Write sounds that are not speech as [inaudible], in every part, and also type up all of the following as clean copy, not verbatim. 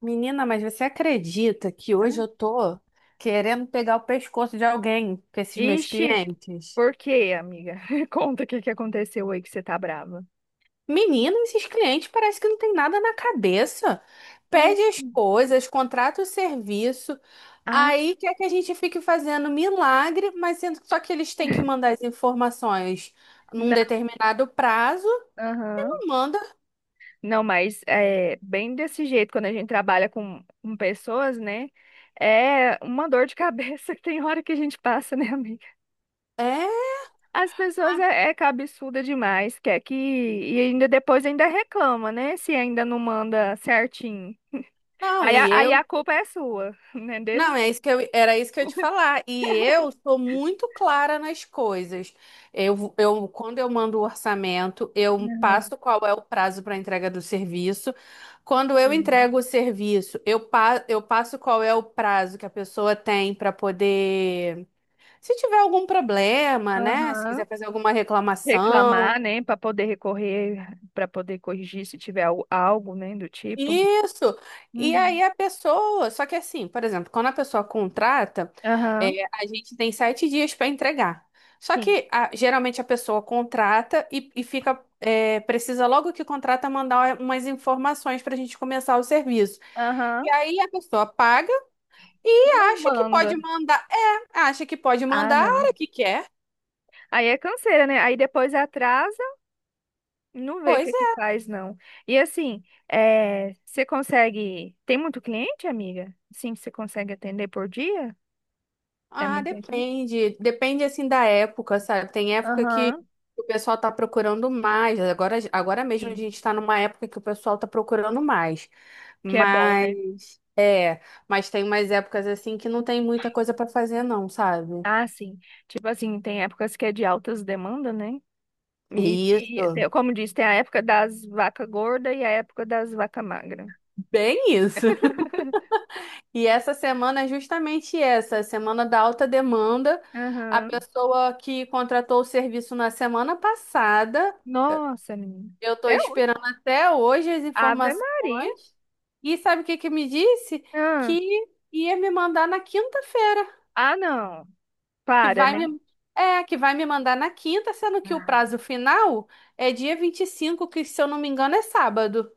Menina, mas você acredita que Ah, hoje eu tô querendo pegar o pescoço de alguém com esses meus ixi, clientes? por quê, amiga? [laughs] Conta o que aconteceu aí que você tá brava. Menina, esses clientes parece que não tem nada na cabeça. Pede as Oxi. coisas, contrata o serviço, Ah, aí quer que a gente fique fazendo milagre, mas sendo só que eles têm que mandar [laughs] as informações num não, determinado prazo, aham. não manda. Não, mas é bem desse jeito, quando a gente trabalha com pessoas, né? É uma dor de cabeça [laughs] que tem hora que a gente passa, né, amiga? É, As pessoas é cabeçuda demais, quer que. E ainda depois ainda reclama, né? Se ainda não manda certinho. não, Aí a, e aí eu a culpa é sua, [laughs] né? Deles. Não, é isso que eu, era isso que eu ia te falar. E eu sou muito clara nas coisas. Quando eu mando o orçamento, eu Não. Aham, passo qual é o prazo para entrega do serviço. Quando eu sim. entrego o serviço, eu passo qual é o prazo que a pessoa tem para poder. Se tiver algum problema, né? Se Aham, quiser fazer alguma reclamação. reclamar, né, para poder recorrer, para poder corrigir se tiver algo, né, do tipo. Isso. E Uhum. aí a pessoa, só que assim, por exemplo, quando a pessoa contrata, é, Aham, a gente tem 7 dias para entregar. Só sim. que geralmente a pessoa contrata e fica, é, precisa logo que contrata mandar umas informações para a gente começar o serviço. E Aham. aí a pessoa paga e Não acha que manda. pode mandar, é, acha que pode Ah, mandar a não. hora que quer. Aí é canseira, né? Aí depois atrasa, não vê o que Pois é que é. faz, não. E assim, é, você consegue. Tem muito cliente, amiga? Sim, você consegue atender por dia? É Ah, muita gente? depende. Depende assim da época, sabe? Tem época que Aham, o pessoal tá procurando mais. Agora mesmo a sim. gente tá numa época que o pessoal tá procurando mais. Que é bom, Mas né? é, mas tem umas épocas assim que não tem muita coisa pra fazer não, sabe? Ah, sim. Tipo assim, tem épocas que é de altas demandas, né? E Isso, tem- como diz, tem a época das vacas gordas e a época das vacas magras. bem isso. [laughs] [laughs] E essa semana é justamente essa, a semana da alta demanda. A Aham. pessoa que contratou o serviço na semana passada, Nossa, menina. eu estou Até hoje. esperando até hoje as Ave Maria. informações. E sabe o que que me disse? Ah, Que ia me mandar na quinta-feira, ah, não. que Para, vai né? me é, que vai me mandar na quinta, sendo que o prazo final é dia 25, que se eu não me engano é sábado.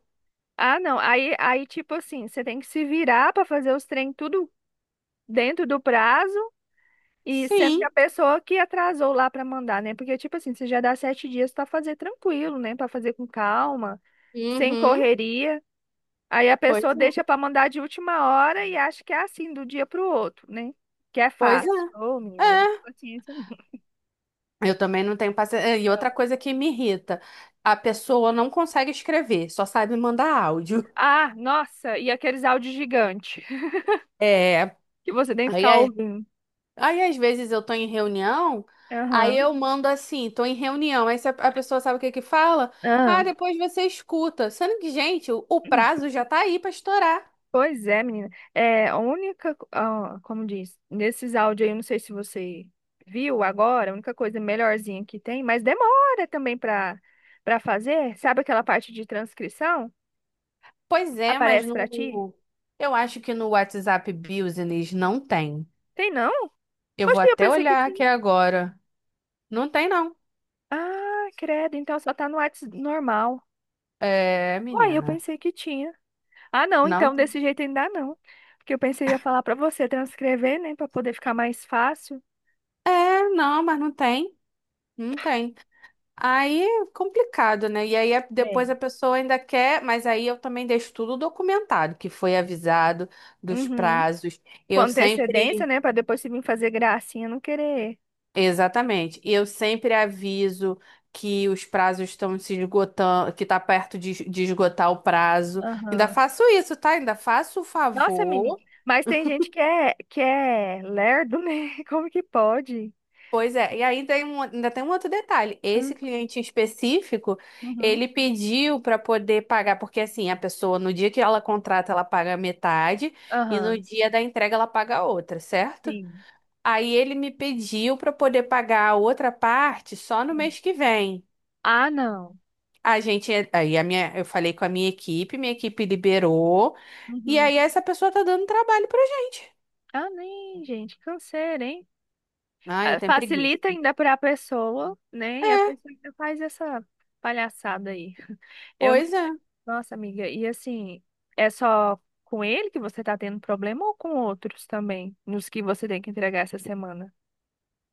Ah, não. Aí, aí, tipo assim, você tem que se virar pra fazer os trem tudo dentro do prazo e sendo que a Sim. pessoa que atrasou lá pra mandar, né? Porque, tipo assim, você já dá sete dias pra fazer tranquilo, né? Pra fazer com calma, sem Uhum. correria. Aí a Pois pessoa é. deixa para mandar de última hora e acha que é assim, do dia para o outro, né? Que é Pois é. fácil. Ô, menina, É. paciência não. Eu também não tenho paciência. E outra coisa que me irrita, a pessoa não consegue escrever, só sabe mandar áudio. Ah, nossa, e aqueles áudios gigantes [laughs] É. que você tem que Aí, ficar aí- ouvindo. Aí às vezes eu tô em reunião, aí Aham. eu mando assim, tô em reunião, aí se a pessoa sabe o que que fala, ah, Ah, depois você escuta. Sendo que, gente, o prazo já tá aí pra estourar. pois é, menina. É, a única, co- ah, como diz, nesses áudios aí, eu não sei se você viu agora, a única coisa melhorzinha que tem, mas demora também para fazer. Sabe aquela parte de transcrição? Pois é, mas Aparece para ti? Eu acho que no WhatsApp Business não tem. Tem não? Eu vou Oxe, eu até pensei que olhar aqui tinha. agora. Não tem não. Ah, credo, então só tá no WhatsApp normal. É, Uai, eu menina. pensei que tinha. Ah, não, então Não. desse jeito ainda não. Porque eu pensei ia falar pra você transcrever, né, pra poder ficar mais fácil. É, não, mas não tem. Não tem. Aí é complicado, né? E É. depois a pessoa ainda quer, mas aí eu também deixo tudo documentado, que foi avisado dos Uhum. prazos. Com Eu antecedência, sempre, né, pra depois se vir fazer gracinha, não querer. exatamente, eu sempre aviso que os prazos estão se esgotando, que tá perto de esgotar o prazo. Ainda Aham. faço isso, tá? Ainda faço o Nossa, menina, favor. mas tem gente que é lerdo, né? [laughs] Como que pode? Pois é, e ainda tem um outro detalhe. Esse Hum. cliente específico, Uhum. ele pediu para poder pagar, porque assim, a pessoa no dia que ela contrata, ela paga metade e no Aham, dia da entrega ela paga a outra, certo? sim. Aí ele me pediu para poder pagar a outra parte só no Hum. mês que vem. Ah, não. A gente, aí a minha, Eu falei com a minha equipe liberou, e Uhum. aí essa pessoa tá dando trabalho pra gente. Ah, nem, gente, canseira, hein? Ai, eu Ah, tenho preguiça. facilita ainda para a pessoa, né? E a É, pessoa ainda faz essa palhaçada aí. Eu não... pois é. Nossa, amiga, e assim, é só com ele que você tá tendo problema ou com outros também, nos que você tem que entregar essa semana?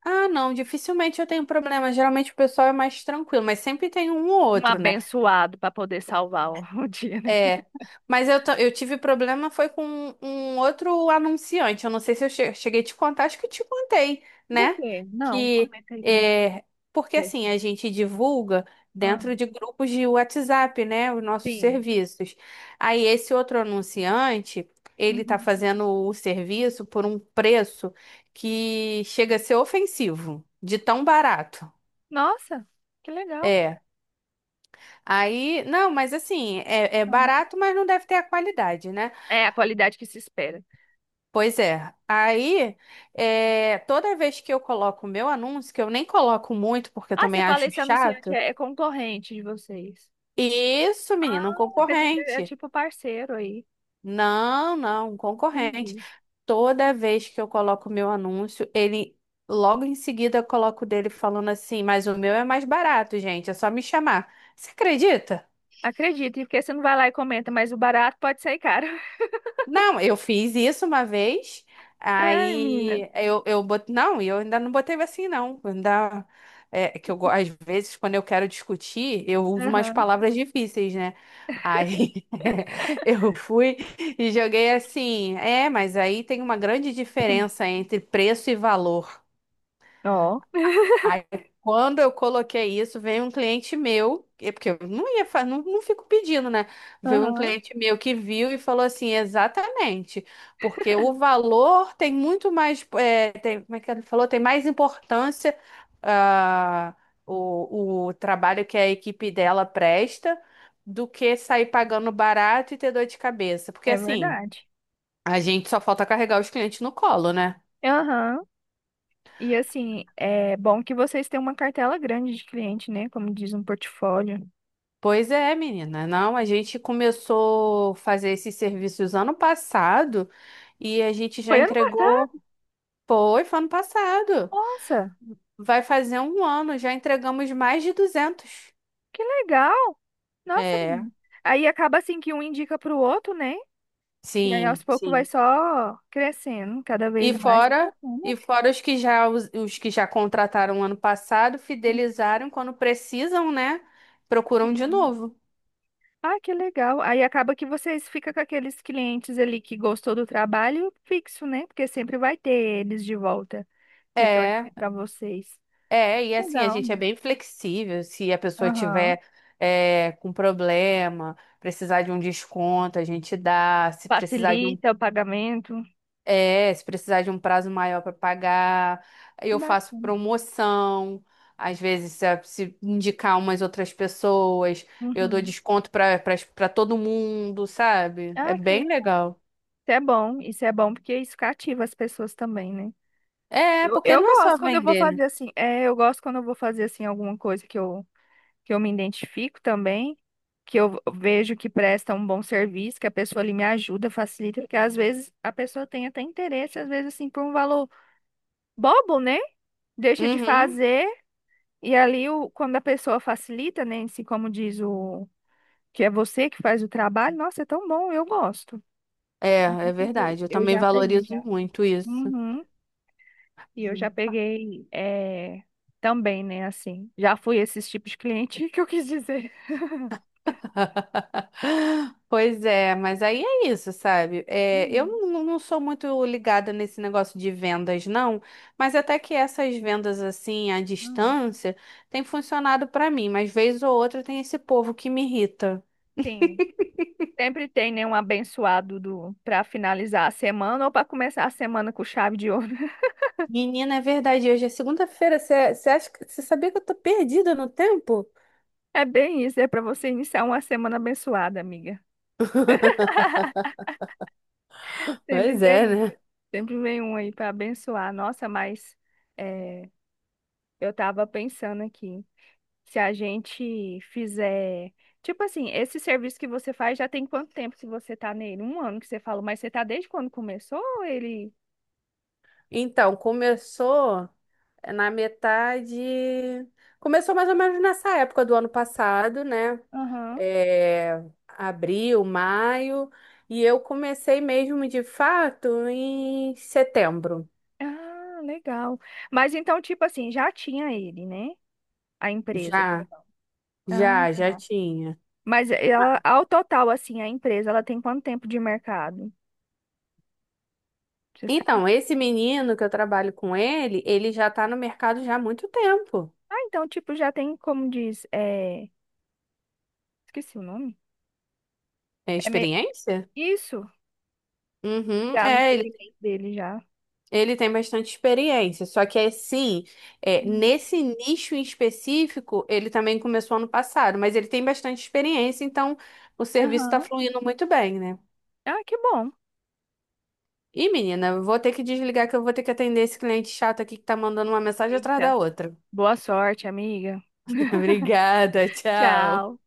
Ah, não, dificilmente eu tenho problema. Geralmente o pessoal é mais tranquilo, mas sempre tem um ou Um outro, né? abençoado para poder salvar o, [laughs] o dia, né? É, mas eu, eu tive problema foi com um outro anunciante. Eu não sei se eu cheguei a te contar, acho que eu te contei, Do né? quê? Não, Que comenta aí pra mim é, porque ver assim, se- a gente divulga Ah, dentro de grupos de WhatsApp, né? Os nossos sim. serviços. Aí esse outro anunciante, ele tá Uhum. fazendo o serviço por um preço que chega a ser ofensivo, de tão barato. Nossa, que legal. É. Aí, não, mas assim, é, é Aham. barato, mas não deve ter a qualidade, né? É a qualidade que se espera. Pois é. Aí, é, toda vez que eu coloco o meu anúncio, que eu nem coloco muito, porque eu Ah, você também fala acho esse anunciante chato. é concorrente de vocês. Isso, Ah, menina, um pensei que é concorrente. tipo parceiro aí. Não, não, um concorrente. Entendi. Toda vez que eu coloco o meu anúncio, ele logo em seguida eu coloco o dele falando assim, mas o meu é mais barato, gente, é só me chamar. Você acredita? Acredito, porque você não vai lá e comenta, mas o barato pode sair caro. [laughs] Não, eu fiz isso uma vez, Ai, menina. aí eu bot... não, e eu ainda não botei assim, não. Eu ainda... É que eu, às vezes, quando eu quero discutir, eu uso umas Aham. palavras difíceis, né? Aí [laughs] eu fui e joguei assim, é, mas aí tem uma grande diferença entre preço e valor. Ó. Aí, quando eu coloquei isso, veio um cliente meu, porque eu não ia, não, não fico pedindo, né? Veio um Aham. cliente meu que viu e falou assim, exatamente, porque o valor tem muito mais, é, tem, como é que ele falou? Tem mais importância, ah, o trabalho que a equipe dela presta do que sair pagando barato e ter dor de cabeça. Porque É assim, verdade. a gente só falta carregar os clientes no colo, né? Aham. E assim, é bom que vocês têm uma cartela grande de cliente, né? Como diz, um portfólio. Pois é, menina. Não, a gente começou a fazer esses serviços ano passado e a gente já Foi ano entregou. passado? Foi, foi ano passado. Nossa, Vai fazer um ano, já entregamos mais de 200. que legal. Nossa, É, menina. Aí acaba assim que um indica pro outro, né? E aí aos sim, poucos vai sim. só crescendo cada E vez mais. Que fora, bacana. e fora os que já contrataram ano passado, fidelizaram quando precisam, né? Procuram de Sim. novo. Ah, que legal. Aí acaba que vocês ficam com aqueles clientes ali que gostou do trabalho fixo, né? Porque sempre vai ter eles de volta, retornando É. para vocês. É, e assim, a Legal. gente é bem flexível. Se a pessoa Aham. tiver é, com problema, precisar de um desconto, a gente dá. Se precisar de um, Facilita o pagamento. é, se precisar de um prazo maior para pagar, Que eu faço bacana. promoção. Às vezes, se indicar umas outras pessoas, eu dou Uhum. desconto para para todo mundo, sabe? É Ah, que bem legal. legal. Isso é bom. Isso é bom porque isso cativa as pessoas também, né? É, Eu, porque eu não é só gosto quando eu vou vender, né? fazer assim. É, eu gosto quando eu vou fazer assim alguma coisa que eu me identifico também, que eu vejo que presta um bom serviço, que a pessoa ali me ajuda, facilita, porque às vezes a pessoa tem até interesse, às vezes assim, por um valor bobo, né? Deixa de Uhum. fazer, e ali o, quando a pessoa facilita, né? Assim, como diz o que é você que faz o trabalho, nossa, é tão bom, eu gosto. É, é verdade. Eu Eu também já peguei valorizo já. muito isso. Uhum. E eu já peguei é, também, né? Assim, já fui esses tipos de cliente [laughs] que eu quis dizer. [laughs] Pois é, mas aí é isso, sabe? É, eu Uhum, não sou muito ligada nesse negócio de vendas, não, mas até que essas vendas assim à uhum. distância tem funcionado pra mim, mas vez ou outra tem esse povo que me irrita. Sim. Sempre tem, né, um abençoado do para finalizar a semana ou para começar a semana com chave de ouro. [laughs] Menina, é verdade, hoje é segunda-feira, você acha que você sabia que eu tô perdida no tempo? É bem isso, é para você iniciar uma semana abençoada, amiga. [laughs] [laughs] Sempre Pois vem é, um, né? sempre vem um aí para abençoar. Nossa, mas é, eu tava pensando aqui, se a gente fizer, tipo assim, esse serviço que você faz já tem quanto tempo que você tá nele? Um ano que você falou, mas você tá desde quando começou ou ele? Então, começou na metade. Começou mais ou menos nessa época do ano passado, né? Aham. É, abril, maio, e eu comecei mesmo de fato em setembro. Ah, legal. Mas então, tipo assim, já tinha ele, né? A empresa. Já, Ah, já, já tá. tinha. Mas é, ela, ao total, assim, a empresa, ela tem quanto tempo de mercado? Você sabe? Então, esse menino que eu trabalho com ele, ele já tá no mercado já há muito tempo. Ah, então, tipo, já tem, como diz, é... esqueci o nome. É É me... experiência? Isso, Uhum, já no é, ele, segmento dele, já. ele tem bastante experiência, só que assim, é, Hum. nesse nicho em específico, ele também começou ano passado, mas ele tem bastante experiência, então o serviço está Aham. fluindo muito bem, né? Ah, que bom. Ih, menina, vou ter que desligar que eu vou ter que atender esse cliente chato aqui que tá mandando uma mensagem atrás Eita. da outra. Boa sorte, amiga. [laughs] [laughs] Obrigada, tchau. Tchau.